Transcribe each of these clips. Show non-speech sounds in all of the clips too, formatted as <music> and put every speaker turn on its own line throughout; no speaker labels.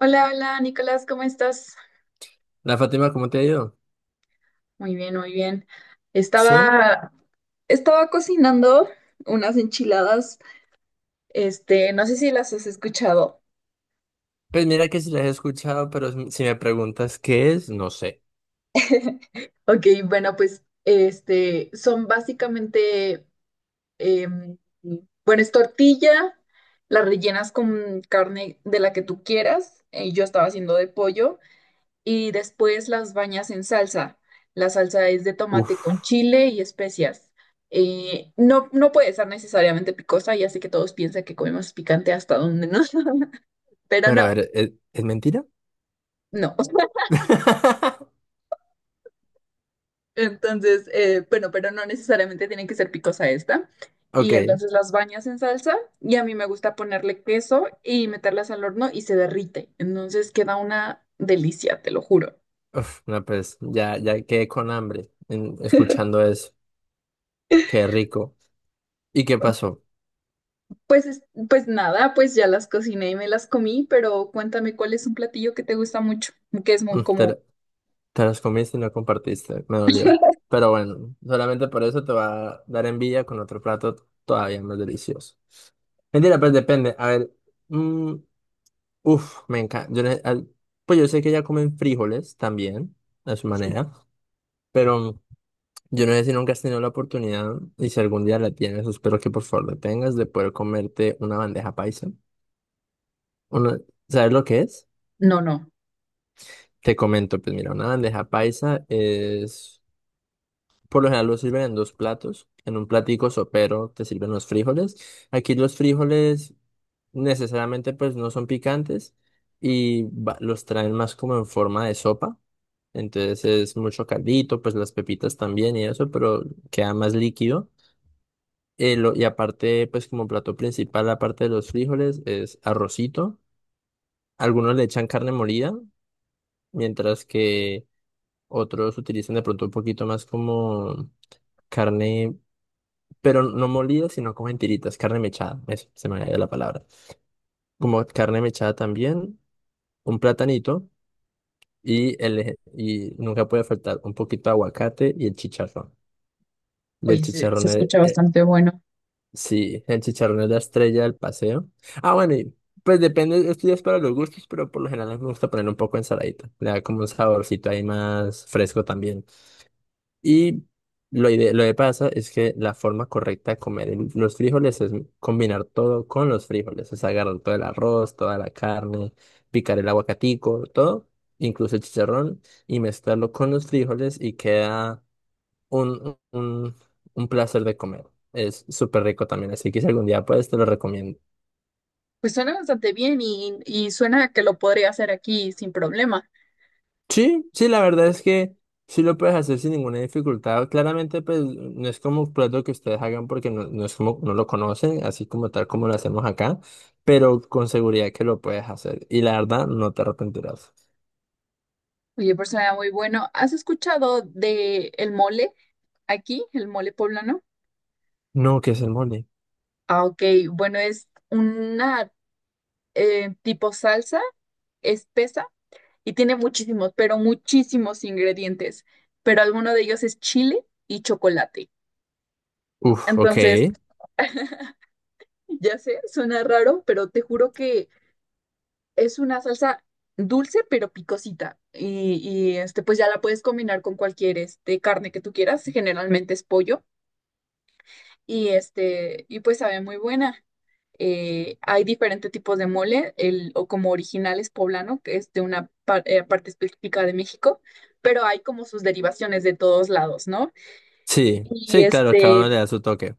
Hola, hola, Nicolás, ¿cómo estás?
La Fátima, ¿cómo te ha ido?
Muy bien, muy bien.
Sí,
Estaba, estaba cocinando unas enchiladas. Este, no sé si las has escuchado.
pues mira que sí las he escuchado, pero si me preguntas qué es, no sé.
<laughs> Ok, bueno, pues este, son básicamente, em, bueno, es tortilla, la rellenas con carne de la que tú quieras. Yo estaba haciendo de pollo. Y después las bañas en salsa. La salsa es de
Uf,
tomate con chile y especias. No, no puede ser necesariamente picosa, ya sé que todos piensan que comemos picante hasta donde no, <laughs> pero no,
pero a ver, ¿es mentira?
no.
<laughs>
Entonces, bueno, pero no necesariamente tiene que ser picosa esta. Y
Ok,
entonces las bañas en salsa y a mí me gusta ponerle queso y meterlas al horno y se derrite. Entonces queda una delicia, te lo juro.
uf, no, pues ya, ya quedé con hambre escuchando eso. Qué rico. ¿Y qué pasó?
Pues, es- pues nada, pues ya las cociné y me las comí, pero cuéntame cuál es un platillo que te gusta mucho, que es muy
Mm, Te,
como,
lo- Te las comiste y no compartiste, me dolió. Pero bueno, solamente por eso te va a dar envidia con otro plato todavía más delicioso. Mentira, pues depende. A ver, mm, uf, me encanta. Pues yo sé que ya comen frijoles también, a su
sí.
manera, pero yo no sé si nunca has tenido la oportunidad y si algún día la tienes, espero que por favor la tengas, de poder comerte una bandeja paisa. Una- ¿Sabes lo que es?
No, no.
Te comento, pues mira, una bandeja paisa es, por lo general lo sirven en dos platos. En un platico sopero te sirven los frijoles. Aquí los frijoles necesariamente pues no son picantes y los traen más como en forma de sopa. Entonces es mucho caldito, pues las pepitas también y eso, pero queda más líquido. Y aparte, pues como plato principal, aparte de los frijoles, es arrocito. Algunos le echan carne molida, mientras que otros utilizan de pronto un poquito más como carne, pero no molida, sino como en tiritas, carne mechada, eso se me había ido la palabra. Como carne mechada también, un platanito. Y nunca puede faltar un poquito de aguacate y el chicharrón. Y el
Oye, se
chicharrón es,
escucha bastante bueno.
sí, el chicharrón es la estrella del paseo. Ah, bueno, y pues depende, esto ya es para los gustos, pero por lo general me gusta poner un poco de ensaladita. Le da como un saborcito ahí más fresco también. Y lo que pasa es que la forma correcta de comer los frijoles es combinar todo con los frijoles. Es agarrar todo el arroz, toda la carne, picar el aguacatico, todo, incluso el chicharrón, y mezclarlo con los frijoles y queda un, un, un placer de comer. Es súper rico también, así que si algún día puedes, te lo recomiendo.
Pues suena bastante bien y suena que lo podría hacer aquí sin problema.
Sí, sí, la verdad es que sí lo puedes hacer sin ninguna dificultad. Claramente, pues no es como un plato que ustedes hagan porque no, no es como no lo conocen, así como tal como lo hacemos acá, pero con seguridad que lo puedes hacer. Y la verdad, no te arrepentirás.
Oye, pues suena muy bueno. ¿Has escuchado de el mole aquí, el mole poblano?
No, ¿qué es el mole?
Ah, ok, bueno, es una tipo salsa espesa y tiene muchísimos, pero muchísimos ingredientes, pero alguno de ellos es chile y chocolate.
Uf, ok.
Entonces, <laughs> ya sé, suena raro, pero te juro que es una salsa dulce pero picosita. Y, este, pues ya la puedes combinar con cualquier este, carne que tú quieras, generalmente es pollo, y este, y pues sabe muy buena. Hay diferentes tipos de mole, el, o como original es poblano, que es de una parte específica de México, pero hay como sus derivaciones de todos lados, ¿no?
Sí,
Y
sí, claro, cada uno
este,
le da su toque.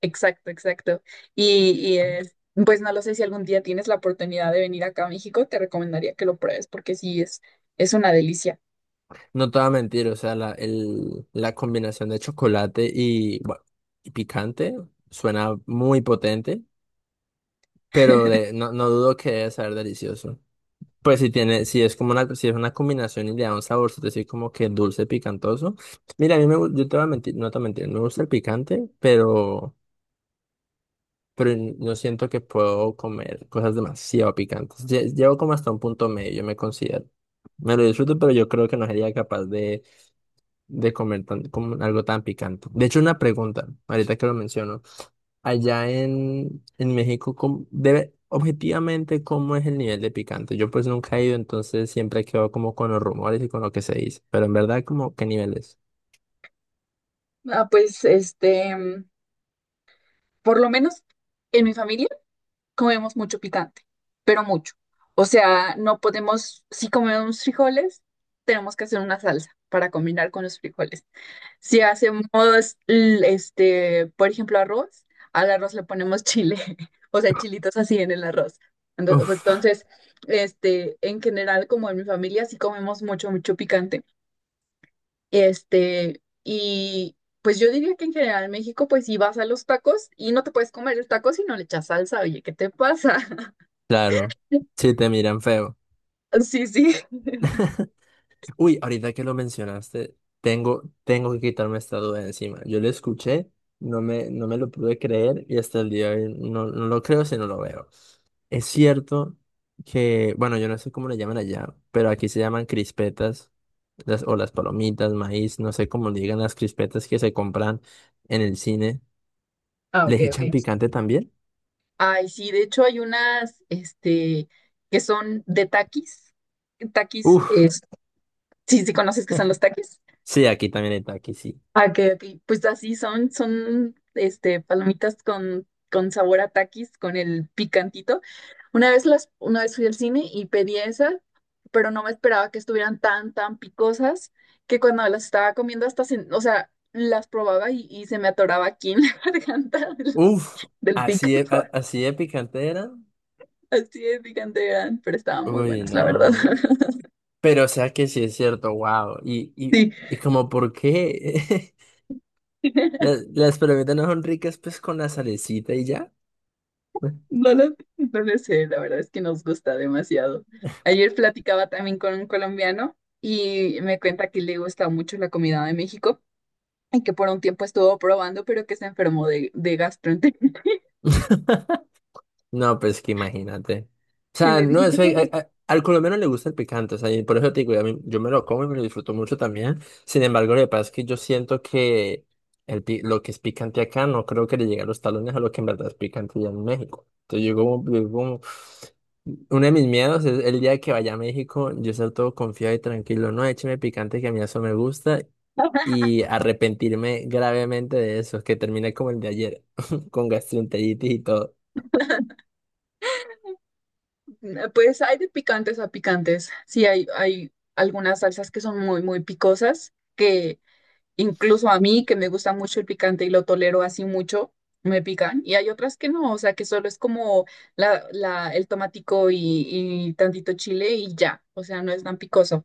exacto, exacto. Y, y es- pues no lo sé si algún día tienes la oportunidad de venir acá a México, te recomendaría que lo pruebes porque sí es una delicia.
No te voy a mentir, o sea, la combinación de chocolate y, bueno, y picante suena muy potente, pero no, no dudo que debe saber delicioso. Pues si tiene, si es como una, si es una combinación y le da un sabor, es decir, como que dulce, picantoso. Mira, a mí me, gu- yo te voy a mentir, no te voy a mentir, me gusta el picante, pero no siento que puedo comer cosas demasiado picantes. Llevo como hasta un punto medio, yo me considero. Me lo disfruto, pero yo creo que no sería capaz de comer tan, como algo tan picante. De hecho, una pregunta, ahorita que lo menciono. Allá en México, objetivamente, ¿cómo es el nivel de picante? Yo pues nunca he ido, entonces siempre quedo como con los rumores y con lo que se dice. Pero en verdad, como, ¿qué nivel es?
Ah, pues este, por lo menos en mi familia. Comemos mucho picante, pero mucho. O sea, no podemos, si comemos frijoles, tenemos que hacer una salsa para combinar con los frijoles. Si hacemos, este, por ejemplo, arroz, al arroz le ponemos chile, <laughs> o sea, chilitos así en el arroz. Pues,
Uf,
entonces, este, en general, como en mi familia, sí comemos mucho, mucho picante. Este, y pues yo diría que en general en México, pues si vas a los tacos y no te puedes comer el taco si no le echas salsa, oye, ¿qué te pasa?
claro.
<laughs>
Sí, te miran feo.
Sí, sí. <laughs>
<laughs> Uy, ahorita que lo mencionaste, tengo, tengo que quitarme esta duda de encima. Yo lo escuché, no me, no me lo pude creer y hasta el día de hoy no, no lo creo si no lo veo. Es cierto que, bueno, yo no sé cómo le llaman allá, pero aquí se llaman crispetas las, o las palomitas, maíz, no sé cómo le digan las crispetas que se compran en el cine.
Ah, ok,
¿Les
ok.
echan picante también?
Ay, sí, de hecho hay unas, este, que son de taquis. Taquis,
Uf,
sí, sí conoces que son los taquis.
sí, aquí también está, aquí sí.
Ah, ok, ok. Pues así son, este, palomitas con sabor a taquis, con el picantito. Una vez fui al cine y pedí esas, pero no me esperaba que estuvieran tan, tan picosas, que cuando las estaba comiendo hasta, o sea, las probaba y se me atoraba aquí en la <laughs> garganta del,
Uf,
del pico.
así de picante era.
Así es, gigante eran, pero estaban muy
Uy,
buenas, la verdad.
no.
<laughs>
Pero o sea que sí es cierto, wow.
Sí,
Y como por qué <laughs>
<laughs>
las palomitas no son ricas pues con la salecita y ya.
no lo sé, la verdad es que nos gusta demasiado. Ayer platicaba también con un colombiano y me cuenta que le gusta mucho la comida de México y que por un tiempo estuvo probando, pero que se enfermó de gastroenteritis. <laughs>
No, pues que imagínate. O
Y
sea,
me
no,
dice,
es
"No,
que
bueno,
al colombiano le gusta el picante, o sea, y por eso te digo, yo me lo como y me lo disfruto mucho también. Sin embargo, lo que pasa es que yo siento que lo que es picante acá no creo que le llegue a los talones a lo que en verdad es picante ya en México. Entonces uno de mis miedos es el día que vaya a México, yo ser todo confiado y tranquilo, no, écheme picante que a mí eso me gusta y arrepentirme gravemente de eso, que termine como el de ayer, <laughs> con gastroenteritis y todo.
<laughs> pues hay de picantes a picantes. Sí, hay algunas salsas que son muy, muy picosas, que incluso a mí, que me gusta mucho el picante y lo tolero así mucho, me pican. Y hay otras que no, o sea, que solo es como el tomatico y tantito chile y ya. O sea, no es tan picoso.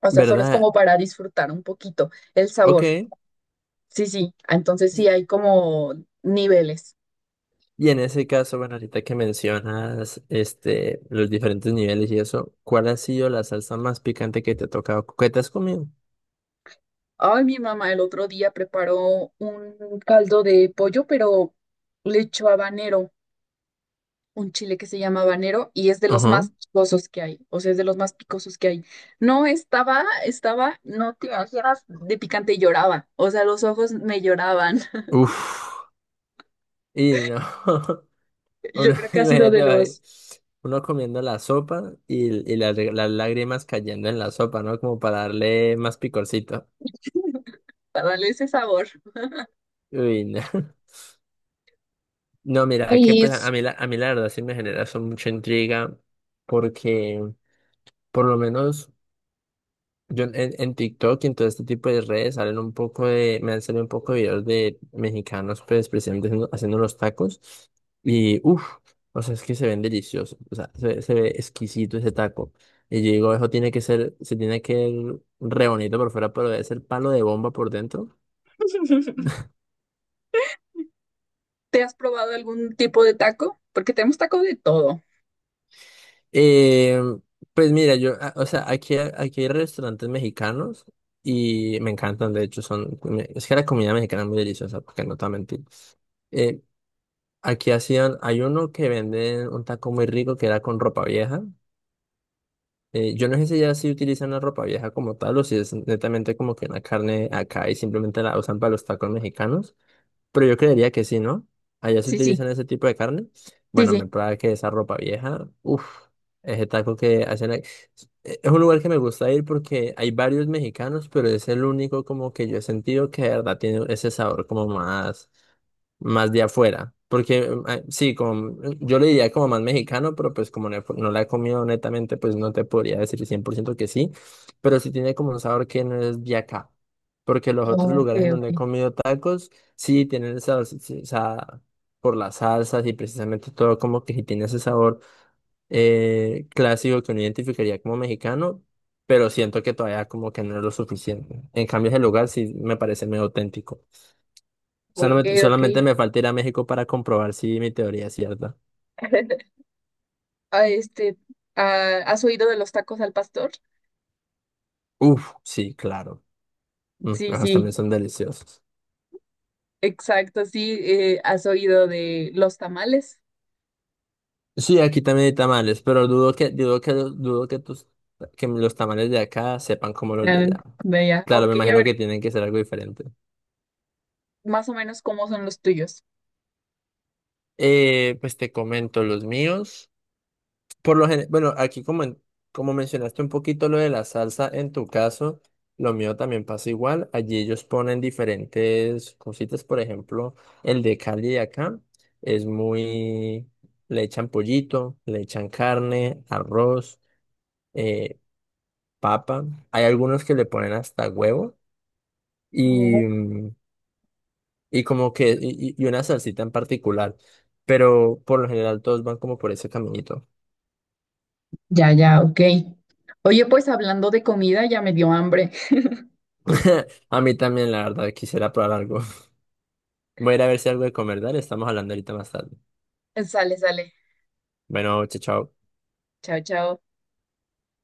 O sea, solo es
¿Verdad?
como para disfrutar un poquito el sabor.
Ok.
Sí, sí. Entonces
Y
sí hay como niveles.
y en ese caso, bueno, ahorita que mencionas este, los diferentes niveles y eso, ¿cuál ha sido la salsa más picante que te ha tocado, que te has comido?
Ay, mi mamá el otro día preparó un caldo de pollo, pero le echó habanero. Un chile que se llama habanero y es de los
Ajá.
más picosos que hay, o sea, es de los más picosos que hay. No, estaba, no te imaginas, de picante y lloraba, o sea, los ojos me lloraban. <laughs>
Uf. Y no. <laughs>
Yo
Uno,
creo
<laughs>
que ha sido de
imagínate, va ahí,
los
uno comiendo la sopa y, las lágrimas cayendo en la sopa, ¿no? Como para darle más picorcito.
para darle ese sabor.
Uy, no. <laughs> No, mira, es que
¿Y
pues
es-
a mí la verdad sí me genera eso mucha intriga porque por lo menos yo en TikTok y en todo este tipo de redes salen un poco de, me han salido un poco de videos de mexicanos, pues precisamente haciendo, haciendo los tacos. Y uff, o sea, es que se ven deliciosos, o sea, se ve exquisito ese taco. Y yo digo, eso tiene que ser, se tiene que ver re bonito por fuera, pero debe ser palo de bomba por dentro.
<laughs> Te has probado algún tipo de taco? Porque tenemos taco de todo.
Eh, pues mira, o sea, aquí, aquí hay restaurantes mexicanos y me encantan, de hecho, son, es que la comida mexicana es muy deliciosa, porque no te voy a mentir. Eh, Aquí hacían, hay uno que venden un taco muy rico que era con ropa vieja. Yo no sé si ya sí utilizan la ropa vieja como tal o si es netamente como que una carne acá y simplemente la usan para los tacos mexicanos, pero yo creería que sí, ¿no? Allá se
Sí, sí,
utilizan ese tipo de carne.
sí,
Bueno, me
sí.
prueba que esa ropa vieja, uff, ese taco que hacen ahí. Es un lugar que me gusta ir porque hay varios mexicanos, pero es el único como que yo he sentido que de verdad tiene ese sabor como más más de afuera. Porque sí, como, mm, yo le diría como más mexicano, pero pues como no, no la he comido netamente, pues no te podría decir 100% que sí, pero sí tiene como un sabor que no es de acá. Porque los otros
Ok,
lugares en donde he
ok.
comido tacos, sí tienen esa, esa por las salsas y precisamente todo como que sí tiene ese sabor clásico que uno identificaría como mexicano, pero siento que todavía como que no es lo suficiente. En cambio, ese lugar sí me parece medio auténtico.
Ok,
Solamente,
ok.
solamente me falta ir a México para comprobar si mi teoría es cierta.
<laughs> Ah, este, ah, ¿has oído de los tacos al pastor?
Uf, sí, claro. Mm,
Sí,
ajos también
sí.
son deliciosos.
Exacto, sí, has oído de los tamales.
Sí, aquí también hay tamales, pero dudo que tus, que los tamales de acá sepan como los de
Ah,
allá.
de allá.
Claro,
Ok,
me
a
imagino
ver,
que tienen que ser algo diferente.
más o menos cómo son los tuyos.
Pues te comento los míos. Bueno, aquí como, como mencionaste un poquito lo de la salsa, en tu caso, lo mío también pasa igual. Allí ellos ponen diferentes cositas, por ejemplo, el de Cali de acá es muy, le echan pollito, le echan carne, arroz, eh, papa. Hay algunos que le ponen hasta huevo y,
Oh,
mm, y como que, y una salsita en particular. Pero por lo general todos van como por ese caminito.
ya, ya, ok. Oye, pues hablando de comida, ya me dio hambre.
<laughs> A mí también, la verdad, quisiera probar algo. Voy a ir a ver si hay algo de comer, dale, estamos hablando ahorita más tarde.
<laughs> Sale, sale.
Bueno, chao, chao.
Chao, chao.